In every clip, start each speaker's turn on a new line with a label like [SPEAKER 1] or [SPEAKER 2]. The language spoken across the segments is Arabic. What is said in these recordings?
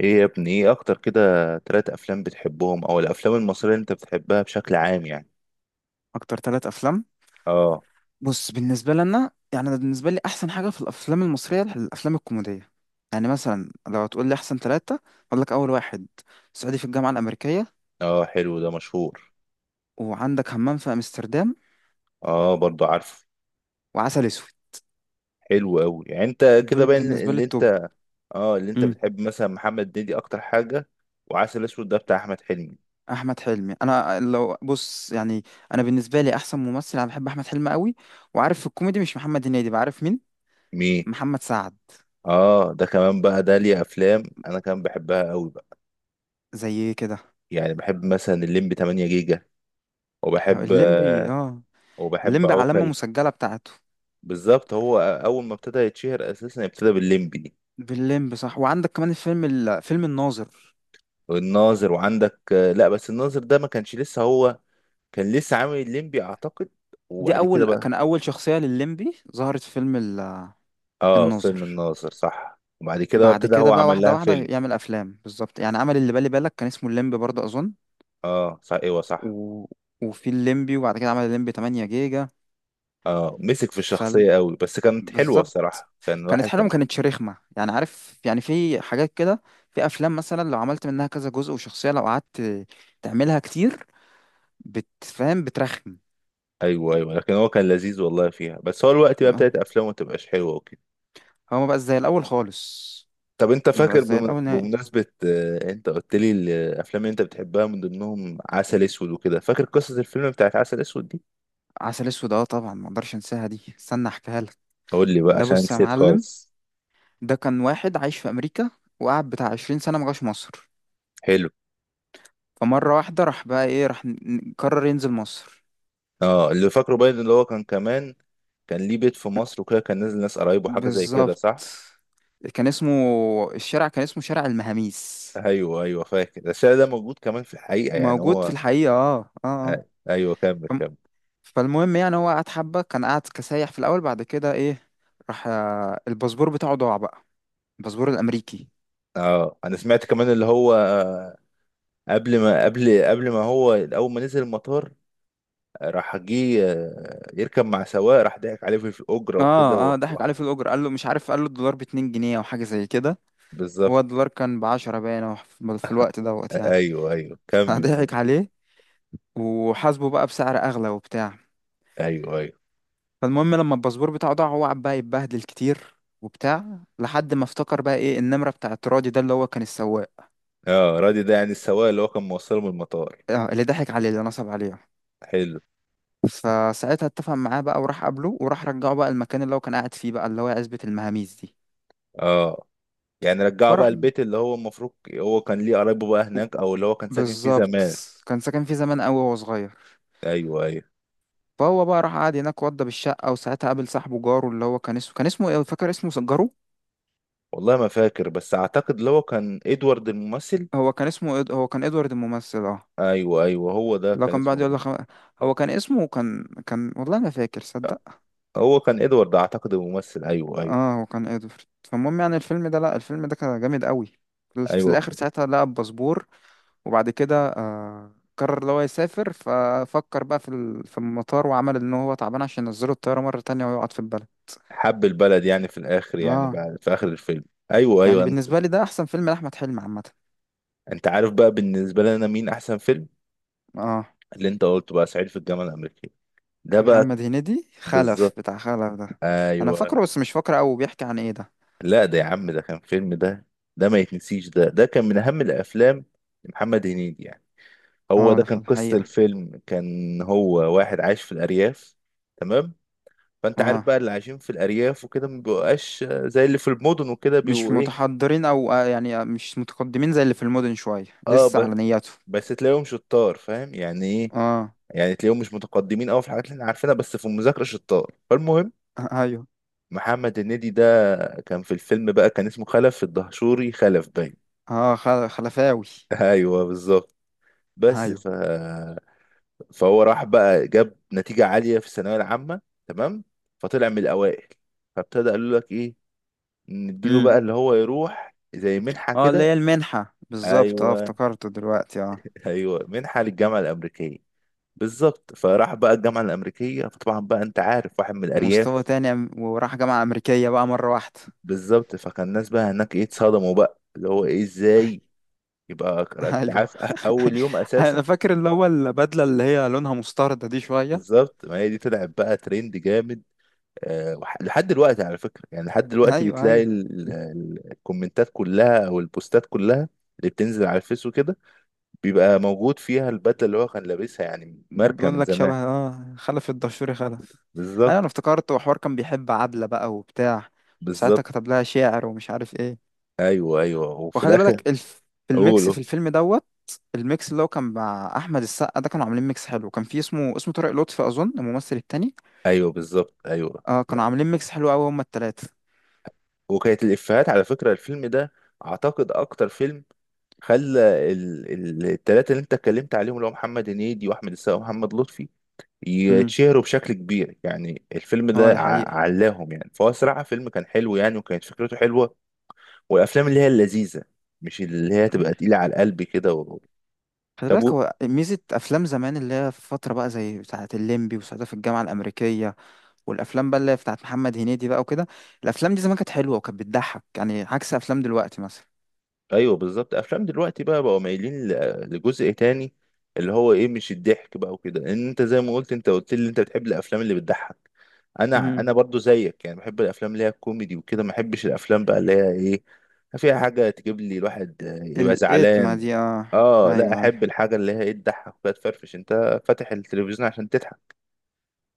[SPEAKER 1] ايه يا ابني، ايه اكتر كده؟ تلات افلام بتحبهم او الافلام المصرية اللي انت بتحبها بشكل عام يعني.
[SPEAKER 2] اكتر ثلاث افلام.
[SPEAKER 1] اه.
[SPEAKER 2] بص، بالنسبه لنا يعني أنا بالنسبه لي احسن حاجه في الافلام المصريه الافلام الكوميديه. يعني مثلا لو هتقول لي احسن ثلاثه، اقول لك اول واحد: صعيدي في الجامعه الامريكيه،
[SPEAKER 1] اه حلو، ده مشهور.
[SPEAKER 2] وعندك همام في امستردام،
[SPEAKER 1] اه برضو عارفه.
[SPEAKER 2] وعسل اسود.
[SPEAKER 1] حلو قوي، يعني انت كده
[SPEAKER 2] دول
[SPEAKER 1] باين
[SPEAKER 2] بالنسبه لي
[SPEAKER 1] اللي
[SPEAKER 2] التوب.
[SPEAKER 1] انت. اه، اللي انت
[SPEAKER 2] امم
[SPEAKER 1] بتحب مثلا محمد هنيدي اكتر حاجة؟ وعسل اسود ده بتاع احمد حلمي؟
[SPEAKER 2] احمد حلمي، انا لو بص يعني، انا بالنسبه لي احسن ممثل، انا بحب احمد حلمي قوي. وعارف في الكوميدي، مش محمد هنيدي، بعرف مين؟
[SPEAKER 1] مين؟
[SPEAKER 2] محمد سعد.
[SPEAKER 1] اه ده كمان بقى، ده ليه افلام انا كمان بحبها قوي بقى.
[SPEAKER 2] زي كده
[SPEAKER 1] يعني بحب مثلا الليمبي 8 جيجا، وبحب
[SPEAKER 2] الليمبي،
[SPEAKER 1] آه،
[SPEAKER 2] اه.
[SPEAKER 1] وبحب
[SPEAKER 2] الليمبي علامه
[SPEAKER 1] عوكل.
[SPEAKER 2] مسجله بتاعته.
[SPEAKER 1] بالظبط، هو اول ما ابتدى يتشهر اساسا ابتدى بالليمبي.
[SPEAKER 2] بالليمبي صح، وعندك كمان الفيلم فيلم الناظر.
[SPEAKER 1] والناظر، وعندك لا بس الناظر ده ما كانش لسه هو، كان لسه عامل الليمبي اعتقد،
[SPEAKER 2] دي
[SPEAKER 1] وبعد كده بقى.
[SPEAKER 2] اول شخصية للليمبي ظهرت في فيلم
[SPEAKER 1] اه فيلم
[SPEAKER 2] الناظر.
[SPEAKER 1] الناظر صح، وبعد كده بقى
[SPEAKER 2] بعد
[SPEAKER 1] ابتدى
[SPEAKER 2] كده
[SPEAKER 1] هو
[SPEAKER 2] بقى
[SPEAKER 1] عمل
[SPEAKER 2] واحدة
[SPEAKER 1] لها
[SPEAKER 2] واحدة
[SPEAKER 1] فيلم.
[SPEAKER 2] يعمل افلام بالظبط. يعني عمل اللي بالي بالك كان اسمه الليمبي برضه اظن.
[SPEAKER 1] اه صح، ايوه صح.
[SPEAKER 2] و... وفي الليمبي، وبعد كده عمل الليمبي 8 جيجا.
[SPEAKER 1] اه مسك في
[SPEAKER 2] ف
[SPEAKER 1] الشخصية قوي بس كانت حلوة
[SPEAKER 2] بالظبط،
[SPEAKER 1] الصراحة، كان
[SPEAKER 2] كانت
[SPEAKER 1] واحد
[SPEAKER 2] حلوة، ما
[SPEAKER 1] كان.
[SPEAKER 2] كانتش رخمة. يعني عارف، يعني في حاجات كده، في افلام مثلا لو عملت منها كذا جزء، وشخصية لو قعدت تعملها كتير بتفهم بترخم
[SPEAKER 1] ايوه ايوه، لكن هو كان لذيذ والله فيها، بس هو الوقت بقى
[SPEAKER 2] آه.
[SPEAKER 1] ابتدت افلامه ما تبقاش حلوة وكده.
[SPEAKER 2] هو ما بقى زي الاول خالص.
[SPEAKER 1] طب انت
[SPEAKER 2] ما بقاش
[SPEAKER 1] فاكر
[SPEAKER 2] زي الاول نهائي.
[SPEAKER 1] بمناسبة انت قلت لي الافلام اللي انت بتحبها من ضمنهم عسل اسود وكده، فاكر قصة الفيلم بتاعت عسل اسود دي؟
[SPEAKER 2] عسل اسود، اه طبعا ما اقدرش انساها دي، استنى احكيها لك.
[SPEAKER 1] قول لي بقى
[SPEAKER 2] ده
[SPEAKER 1] عشان
[SPEAKER 2] بص يا
[SPEAKER 1] نسيت
[SPEAKER 2] معلم،
[SPEAKER 1] خالص.
[SPEAKER 2] ده كان واحد عايش في امريكا، وقعد بتاع 20 سنه ما جاش مصر.
[SPEAKER 1] حلو.
[SPEAKER 2] فمره واحده راح بقى ايه، راح قرر ينزل مصر.
[SPEAKER 1] اه اللي فاكره باين اللي هو كان كمان، كان ليه بيت في مصر وكده، كان نازل ناس قرايبه حاجه زي كده
[SPEAKER 2] بالظبط.
[SPEAKER 1] صح.
[SPEAKER 2] كان اسمه الشارع، كان اسمه شارع المهاميس.
[SPEAKER 1] ايوه ايوه فاكر، ده الشارع ده موجود كمان في الحقيقه، يعني
[SPEAKER 2] موجود في
[SPEAKER 1] هو.
[SPEAKER 2] الحقيقه، اه اه
[SPEAKER 1] آه،
[SPEAKER 2] آه.
[SPEAKER 1] ايوه، كمل
[SPEAKER 2] فم-
[SPEAKER 1] كمل.
[SPEAKER 2] فالمهم يعني هو قعد حبه، كان قاعد كسايح في الاول، بعد كده ايه، راح الباسبور بتاعه ضاع بقى، الباسبور الامريكي.
[SPEAKER 1] اه انا سمعت كمان اللي هو قبل ما هو اول ما نزل المطار، راح جه يركب مع سواق، راح ضحك عليه في الاجره وكده
[SPEAKER 2] اه اه، ضحك عليه في الاجر، قال له مش عارف، قال له الدولار ب 2 جنيه او حاجه زي كده.
[SPEAKER 1] بالظبط.
[SPEAKER 2] هو الدولار كان ب 10، باين أو في الوقت دوت يعني.
[SPEAKER 1] ايوه ايوه كمل
[SPEAKER 2] فضحك
[SPEAKER 1] مو.
[SPEAKER 2] عليه وحاسبه بقى بسعر اغلى وبتاع.
[SPEAKER 1] ايوه ايوه.
[SPEAKER 2] فالمهم لما الباسبور بتاعه ضاع، هو قعد بقى يتبهدل كتير وبتاع، لحد ما افتكر بقى ايه النمره بتاعت راضي ده اللي هو كان السواق.
[SPEAKER 1] اه رادي ده يعني السواق اللي هو كان موصله من المطار.
[SPEAKER 2] اللي ضحك عليه، اللي نصب عليه.
[SPEAKER 1] حلو.
[SPEAKER 2] فساعتها اتفق معاه بقى، وراح قابله، وراح رجعه بقى المكان اللي هو كان قاعد فيه بقى، اللي هو عزبة المهاميز دي.
[SPEAKER 1] اه، يعني رجعه بقى
[SPEAKER 2] فراح ب-
[SPEAKER 1] البيت اللي هو المفروض هو كان ليه قرايبه بقى هناك، او اللي هو كان ساكن فيه
[SPEAKER 2] بالظبط،
[SPEAKER 1] زمان.
[SPEAKER 2] كان ساكن فيه زمان قوي وهو صغير.
[SPEAKER 1] ايوه ايوه.
[SPEAKER 2] فهو بقى راح قعد هناك وضى بالشقة، وساعتها قابل صاحبه جاره اللي هو كان اسمه ايه، فاكر اسمه، جاره.
[SPEAKER 1] والله ما فاكر بس اعتقد اللي هو كان ادوارد الممثل.
[SPEAKER 2] هو كان اسمه، هو كان ادوارد الممثل، اه.
[SPEAKER 1] ايوه ايوه هو ده
[SPEAKER 2] لو
[SPEAKER 1] كان
[SPEAKER 2] كان بيقعد يقول
[SPEAKER 1] اسمه.
[SPEAKER 2] لك، هو كان اسمه، كان والله ما فاكر صدق.
[SPEAKER 1] هو كان ادوارد اعتقد الممثل، ايوه ايوه
[SPEAKER 2] اه هو كان ادوارد. فالمهم يعني الفيلم ده، لا الفيلم ده كان جامد قوي. في
[SPEAKER 1] ايوه.
[SPEAKER 2] الاخر ساعتها لقى الباسبور، وبعد كده قرر اللي هو يسافر، ففكر بقى في المطار، وعمل ان هو تعبان عشان ينزله الطيارة مرة تانية ويقعد في البلد.
[SPEAKER 1] حب البلد يعني في الاخر، يعني
[SPEAKER 2] اه،
[SPEAKER 1] بعد في اخر الفيلم. ايوه
[SPEAKER 2] يعني
[SPEAKER 1] ايوه. انت،
[SPEAKER 2] بالنسبة لي ده احسن فيلم لأحمد حلمي عامة.
[SPEAKER 1] انت عارف بقى بالنسبه لنا مين احسن فيلم؟
[SPEAKER 2] اه،
[SPEAKER 1] اللي انت قلته بقى، صعيدي في الجامعه الامريكيه ده بقى.
[SPEAKER 2] محمد هنيدي، خلف،
[SPEAKER 1] بالظبط.
[SPEAKER 2] بتاع خلف ده. انا فاكره
[SPEAKER 1] ايوه.
[SPEAKER 2] بس مش فاكره قوي، بيحكي عن ايه ده؟
[SPEAKER 1] لا ده يا عم ده كان فيلم، ده ما يتنسيش، ده كان من أهم الأفلام لمحمد هنيدي يعني. هو
[SPEAKER 2] اه ده
[SPEAKER 1] ده كان قصة
[SPEAKER 2] الحقيقة.
[SPEAKER 1] الفيلم، كان هو واحد عايش في الأرياف. تمام. فأنت عارف
[SPEAKER 2] اه،
[SPEAKER 1] بقى اللي عايشين في الأرياف وكده ما بيبقاش زي اللي في المدن وكده،
[SPEAKER 2] مش
[SPEAKER 1] بيبقوا إيه.
[SPEAKER 2] متحضرين او مش متقدمين زي اللي في المدن، شوية
[SPEAKER 1] أه
[SPEAKER 2] لسه
[SPEAKER 1] ب-
[SPEAKER 2] على نياته.
[SPEAKER 1] بس تلاقيهم شطار، فاهم يعني إيه.
[SPEAKER 2] اه،
[SPEAKER 1] يعني تلاقيهم مش متقدمين قوي في الحاجات اللي احنا عارفينها، بس في المذاكره شطار. فالمهم،
[SPEAKER 2] ايوه.
[SPEAKER 1] محمد هنيدي ده كان في الفيلم بقى كان اسمه خلف الدهشوري، خلف باين.
[SPEAKER 2] اه، خلفاوي.
[SPEAKER 1] ايوه بالظبط. بس
[SPEAKER 2] ايوه.
[SPEAKER 1] ف فهو راح بقى جاب نتيجة عالية في الثانوية العامة. تمام. فطلع من الأوائل، فابتدى قالوا لك إيه، نديله
[SPEAKER 2] امم.
[SPEAKER 1] بقى اللي هو يروح زي منحة
[SPEAKER 2] اه، اللي هي
[SPEAKER 1] كده.
[SPEAKER 2] المنحة بالظبط، اه
[SPEAKER 1] أيوه.
[SPEAKER 2] افتكرته دلوقتي، اه.
[SPEAKER 1] أيوه، منحة للجامعة الأمريكية. بالظبط، فراح بقى الجامعة الأمريكية، فطبعا بقى أنت عارف واحد من
[SPEAKER 2] مستوى
[SPEAKER 1] الأرياف.
[SPEAKER 2] تاني، وراح جامعة أمريكية بقى مرة واحدة.
[SPEAKER 1] بالظبط، فكان الناس بقى هناك إيه، اتصدموا بقى اللي هو إيه، إزاي يبقى أنت
[SPEAKER 2] ايوه.
[SPEAKER 1] عارف. أول يوم
[SPEAKER 2] انا
[SPEAKER 1] أساسا.
[SPEAKER 2] فاكر اللي هو البدلة اللي هي لونها مستردة دي شوية.
[SPEAKER 1] بالظبط، ما هي دي طلعت بقى ترند جامد. لحد دلوقتي على فكرة، يعني لحد دلوقتي
[SPEAKER 2] ايوه
[SPEAKER 1] بتلاقي
[SPEAKER 2] ايوه.
[SPEAKER 1] الكومنتات كلها او البوستات كلها اللي بتنزل على الفيس وكده بيبقى موجود فيها البدلة اللي هو كان لابسها، يعني ماركة
[SPEAKER 2] بقول
[SPEAKER 1] من
[SPEAKER 2] لك
[SPEAKER 1] زمان.
[SPEAKER 2] شبه خلف الدشوري خلف. انا
[SPEAKER 1] بالظبط.
[SPEAKER 2] افتكرت، وحوار كان بيحب عبلة بقى وبتاع. ساعتها
[SPEAKER 1] بالظبط.
[SPEAKER 2] كتب لها شعر ومش عارف ايه.
[SPEAKER 1] ايوه ايوه، وفي
[SPEAKER 2] وخلي
[SPEAKER 1] الاخر
[SPEAKER 2] بالك في الميكس
[SPEAKER 1] اقوله.
[SPEAKER 2] في الفيلم دوت، الميكس اللي هو كان مع احمد السقا ده كانوا عاملين ميكس حلو. كان في اسمه طارق لطفي اظن، الممثل التاني.
[SPEAKER 1] ايوه بالظبط. ايوه.
[SPEAKER 2] اه، كانوا
[SPEAKER 1] لا.
[SPEAKER 2] عاملين ميكس حلو قوي هما التلاتة.
[SPEAKER 1] وكانت الافيهات على فكرة الفيلم ده، اعتقد اكتر فيلم خلى التلاتة اللي انت اتكلمت عليهم، اللي هو محمد هنيدي واحمد السقا ومحمد لطفي،
[SPEAKER 2] امم.
[SPEAKER 1] يتشهروا بشكل كبير، يعني الفيلم ده
[SPEAKER 2] اه دي حقيقة.
[SPEAKER 1] علاهم يعني. فهو صراحة فيلم كان حلو يعني، وكانت فكرته حلوة. والأفلام اللي هي اللذيذة، مش اللي هي تبقى
[SPEAKER 2] أيوة.
[SPEAKER 1] تقيلة على القلب كده
[SPEAKER 2] خلي
[SPEAKER 1] طب.
[SPEAKER 2] بالك هو ميزة أفلام زمان اللي هي في فترة بقى زي بتاعة الليمبي، وساعتها في الجامعة الأمريكية، والافلام بقى اللي هي بتاعت محمد هنيدي بقى وكده. الافلام دي زمان كانت حلوه وكانت بتضحك، يعني عكس افلام دلوقتي مثلا.
[SPEAKER 1] ايوه بالظبط، افلام دلوقتي بقى بقوا مايلين لجزء تاني، اللي هو ايه، مش الضحك بقى وكده، لان انت زي ما قلت، انت قلت لي انت بتحب الافلام اللي بتضحك. انا
[SPEAKER 2] مم.
[SPEAKER 1] انا برضو زيك يعني، بحب الافلام اللي هي الكوميدي وكده، ما بحبش الافلام بقى اللي هي ايه، فيها حاجه تجيب لي الواحد يبقى
[SPEAKER 2] الاتما
[SPEAKER 1] زعلان.
[SPEAKER 2] دي، اه.
[SPEAKER 1] اه، لا
[SPEAKER 2] ايوه ايوه
[SPEAKER 1] احب الحاجه اللي هي ايه، تضحك بقى، تفرفش انت فاتح التلفزيون عشان تضحك،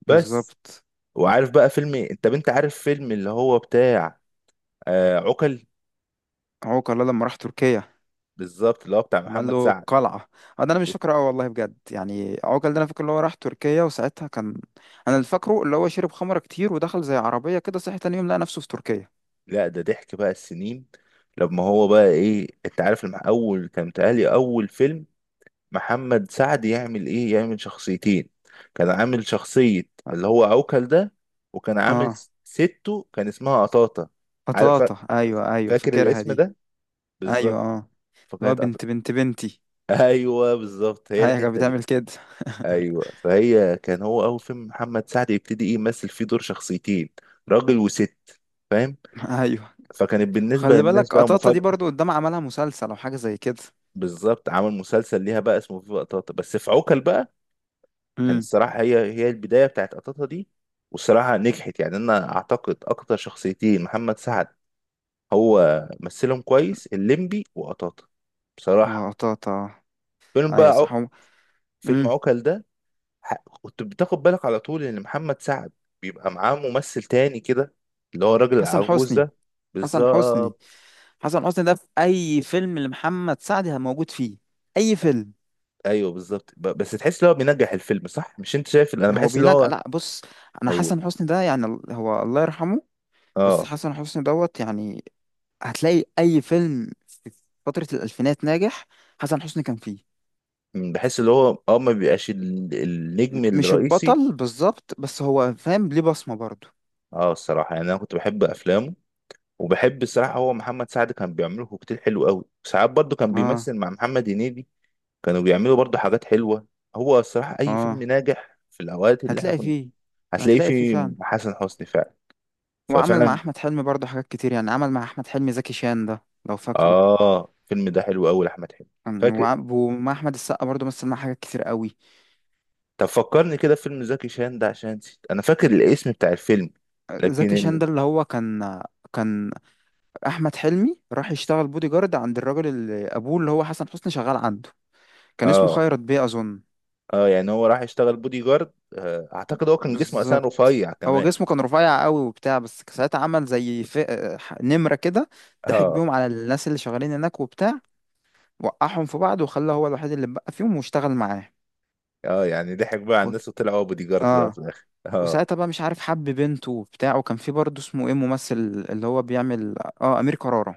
[SPEAKER 1] بس.
[SPEAKER 2] بالظبط.
[SPEAKER 1] وعارف بقى فيلم، انت عارف فيلم اللي هو بتاع آه عقل.
[SPEAKER 2] عوكل ده لما راح تركيا،
[SPEAKER 1] بالظبط، اللي هو بتاع
[SPEAKER 2] لما قال
[SPEAKER 1] محمد
[SPEAKER 2] له
[SPEAKER 1] سعد.
[SPEAKER 2] قلعه. ده انا مش فاكره، اه والله بجد، يعني عوكل ده انا فاكر اللي هو راح تركيا وساعتها كان. انا اللي فاكره اللي هو شرب خمره كتير ودخل زي عربيه كده، صحي تاني يوم لقى نفسه في تركيا.
[SPEAKER 1] لا ده ضحك بقى السنين، لما هو بقى ايه، انت عارف لما اول كان متهيألي اول فيلم محمد سعد يعمل ايه، يعمل شخصيتين. كان عامل شخصية
[SPEAKER 2] اه،
[SPEAKER 1] اللي هو عوكل ده، وكان عامل
[SPEAKER 2] آه،
[SPEAKER 1] سته كان اسمها قطاطة. عارف
[SPEAKER 2] بطاطا، ايوه ايوه
[SPEAKER 1] فاكر
[SPEAKER 2] فاكرها
[SPEAKER 1] الاسم
[SPEAKER 2] دي.
[SPEAKER 1] ده.
[SPEAKER 2] ايوه
[SPEAKER 1] بالظبط،
[SPEAKER 2] اه، اللي هو
[SPEAKER 1] فكانت
[SPEAKER 2] بنت
[SPEAKER 1] قطاطة.
[SPEAKER 2] بنت بنتي.
[SPEAKER 1] ايوه بالظبط هي
[SPEAKER 2] هي كانت
[SPEAKER 1] الحتة دي.
[SPEAKER 2] بتعمل كده.
[SPEAKER 1] ايوه، فهي كان هو اول فيلم محمد سعد يبتدي ايه يمثل فيه دور شخصيتين، راجل وست، فاهم.
[SPEAKER 2] ايوه.
[SPEAKER 1] فكانت بالنسبة
[SPEAKER 2] خلي
[SPEAKER 1] للناس
[SPEAKER 2] بالك
[SPEAKER 1] بقى
[SPEAKER 2] قطاطا دي
[SPEAKER 1] مفاجأة.
[SPEAKER 2] برضو قدام عملها مسلسل او حاجه زي كده.
[SPEAKER 1] بالظبط، عمل مسلسل ليها بقى اسمه فيفا قطاطا، بس في عوكل بقى كان
[SPEAKER 2] امم.
[SPEAKER 1] الصراحة هي البداية بتاعت قطاطا دي. والصراحة نجحت، يعني أنا أعتقد أكتر شخصيتين محمد سعد هو مثلهم كويس، الليمبي وقطاطا، بصراحة.
[SPEAKER 2] وقطاطا.
[SPEAKER 1] فيلم بقى
[SPEAKER 2] ايوه صح،
[SPEAKER 1] فيلم
[SPEAKER 2] امم.
[SPEAKER 1] عوكل ده. ح... كنت بتاخد بالك على طول إن محمد سعد بيبقى معاه ممثل تاني كده، اللي هو الراجل
[SPEAKER 2] حسن
[SPEAKER 1] العجوز
[SPEAKER 2] حسني.
[SPEAKER 1] ده.
[SPEAKER 2] حسن حسني.
[SPEAKER 1] بالظبط.
[SPEAKER 2] حسن حسني ده في اي فيلم لمحمد سعد موجود فيه، اي فيلم.
[SPEAKER 1] أيوه بالظبط، بس تحس إن هو بينجح الفيلم، صح؟ مش أنت شايف، أنا
[SPEAKER 2] هو
[SPEAKER 1] بحس إن
[SPEAKER 2] بينجح،
[SPEAKER 1] هو.
[SPEAKER 2] لا بص، انا
[SPEAKER 1] أو
[SPEAKER 2] حسن حسني ده يعني هو الله يرحمه. بس
[SPEAKER 1] آه.
[SPEAKER 2] حسن حسني دوت يعني، هتلاقي اي فيلم في فتره الالفينات ناجح حسن حسني كان فيه.
[SPEAKER 1] بحس اللي هو اه ما بيبقاش النجم
[SPEAKER 2] مش
[SPEAKER 1] الرئيسي.
[SPEAKER 2] البطل بالظبط، بس هو فاهم، ليه بصمه برضو.
[SPEAKER 1] اه الصراحه يعني انا كنت بحب افلامه، وبحب الصراحه هو محمد سعد كان بيعمله كوكتيل حلو قوي. ساعات برضه كان
[SPEAKER 2] اه.
[SPEAKER 1] بيمثل مع محمد هنيدي، كانوا بيعملوا برضه حاجات حلوه. هو الصراحه اي فيلم
[SPEAKER 2] اه.
[SPEAKER 1] ناجح في الاوقات اللي احنا
[SPEAKER 2] هتلاقي
[SPEAKER 1] كنا،
[SPEAKER 2] فيه،
[SPEAKER 1] هتلاقيه
[SPEAKER 2] هتلاقي فيه
[SPEAKER 1] فيه.
[SPEAKER 2] فعلا.
[SPEAKER 1] حسن حسني فعلا.
[SPEAKER 2] وعمل مع
[SPEAKER 1] ففعلا.
[SPEAKER 2] احمد حلمي برضه حاجات كتير، يعني عمل مع احمد حلمي زكي شان ده لو فاكره.
[SPEAKER 1] اه الفيلم ده حلو قوي لاحمد حلمي.
[SPEAKER 2] كان
[SPEAKER 1] فاكر.
[SPEAKER 2] ومع احمد السقا برضه مثل معاه حاجات كتير قوي.
[SPEAKER 1] طب فكرني كده في فيلم زكي شان ده عشان نسيت، انا فاكر الاسم بتاع الفيلم
[SPEAKER 2] زكي
[SPEAKER 1] لكن
[SPEAKER 2] شان
[SPEAKER 1] ال...
[SPEAKER 2] ده اللي هو كان، كان احمد حلمي راح يشتغل بودي جارد عند الراجل اللي ابوه اللي هو حسن حسني شغال عنده. كان اسمه
[SPEAKER 1] اه.
[SPEAKER 2] خيرت بيه اظن.
[SPEAKER 1] اه يعني هو راح يشتغل بودي جارد. اعتقد هو كان جسمه اساسا
[SPEAKER 2] بالظبط،
[SPEAKER 1] رفيع
[SPEAKER 2] هو
[SPEAKER 1] كمان.
[SPEAKER 2] جسمه كان رفيع قوي وبتاع، بس ساعتها عمل زي نمرة كده، ضحك
[SPEAKER 1] اه.
[SPEAKER 2] بيهم على الناس اللي شغالين هناك وبتاع، وقعهم في بعض، وخلى هو الوحيد اللي بقى فيهم، واشتغل معاه.
[SPEAKER 1] اه يعني ضحك بقى على الناس وطلع هو بودي جارد بقى في
[SPEAKER 2] اه.
[SPEAKER 1] الاخر، اه.
[SPEAKER 2] وساعتها بقى مش عارف حب بنته وبتاع، وكان في برضه اسمه ايه ممثل اللي هو بيعمل، اه امير كرارة.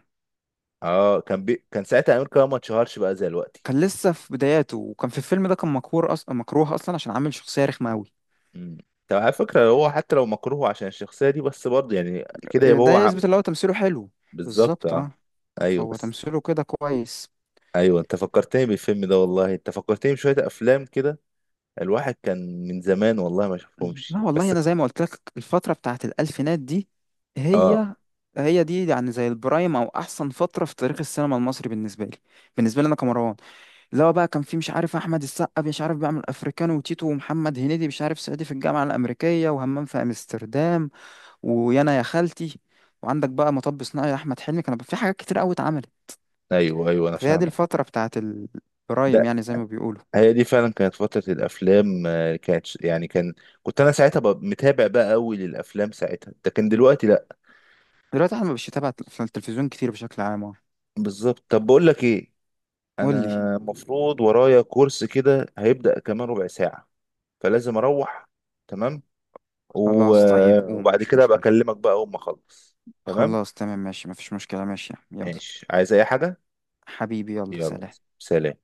[SPEAKER 1] اه كان كان ساعتها امير كرارة ما اتشهرش بقى زي دلوقتي.
[SPEAKER 2] كان لسه في بداياته، وكان في الفيلم ده كان مكروه اصلا، مكروه اصلا عشان عامل شخصية رخمة قوي.
[SPEAKER 1] امم. طب على فكرة هو حتى لو مكروه عشان الشخصية دي، بس برضه يعني كده يبقى
[SPEAKER 2] ده
[SPEAKER 1] هو
[SPEAKER 2] يثبت اللي هو تمثيله حلو.
[SPEAKER 1] بالظبط
[SPEAKER 2] بالظبط، اه.
[SPEAKER 1] اه. ايوه
[SPEAKER 2] فهو
[SPEAKER 1] بس.
[SPEAKER 2] تمثيله كده كويس.
[SPEAKER 1] ايوه انت فكرتني بالفيلم ده والله، انت فكرتني بشوية افلام كده الواحد كان من زمان والله ما شافهمش
[SPEAKER 2] لا والله،
[SPEAKER 1] بس.
[SPEAKER 2] انا زي ما قلت لك، الفترة بتاعت الالفينات دي
[SPEAKER 1] اه
[SPEAKER 2] هي، هي دي يعني زي البرايم، او احسن فترة في تاريخ السينما المصري بالنسبة لي. بالنسبة لي انا كمروان اللي هو بقى، كان في مش عارف احمد السقا مش عارف بيعمل افريكانو وتيتو، ومحمد هنيدي مش عارف صعيدي في الجامعه الامريكيه وهمام في امستردام ويانا يا خالتي، وعندك بقى مطب صناعي. احمد حلمي كان في حاجات كتير قوي اتعملت.
[SPEAKER 1] ايوه ايوه انا
[SPEAKER 2] فهي دي
[SPEAKER 1] فاهمك.
[SPEAKER 2] الفتره بتاعت البرايم يعني زي ما بيقولوا.
[SPEAKER 1] هي دي فعلا كانت فترة الأفلام، يعني كان، كنت أنا ساعتها ببقى متابع بقى أوي للأفلام ساعتها، لكن دلوقتي لأ.
[SPEAKER 2] دلوقتي احنا مش بتابع في التلفزيون كتير بشكل عام.
[SPEAKER 1] بالظبط. طب بقول لك إيه،
[SPEAKER 2] قول
[SPEAKER 1] أنا
[SPEAKER 2] لي.
[SPEAKER 1] المفروض ورايا كورس كده هيبدأ كمان ربع ساعة، فلازم أروح. تمام. و...
[SPEAKER 2] خلاص طيب
[SPEAKER 1] آه،
[SPEAKER 2] قوم،
[SPEAKER 1] وبعد
[SPEAKER 2] مش
[SPEAKER 1] كده أبقى
[SPEAKER 2] مشكله.
[SPEAKER 1] أكلمك بقى أول ما أخلص. تمام
[SPEAKER 2] خلاص تمام، ماشي، مفيش مشكله، ماشي يلا.
[SPEAKER 1] ماشي، عايز أي حاجة؟
[SPEAKER 2] حبيبي، يلا،
[SPEAKER 1] يلا،
[SPEAKER 2] سلام.
[SPEAKER 1] سلام.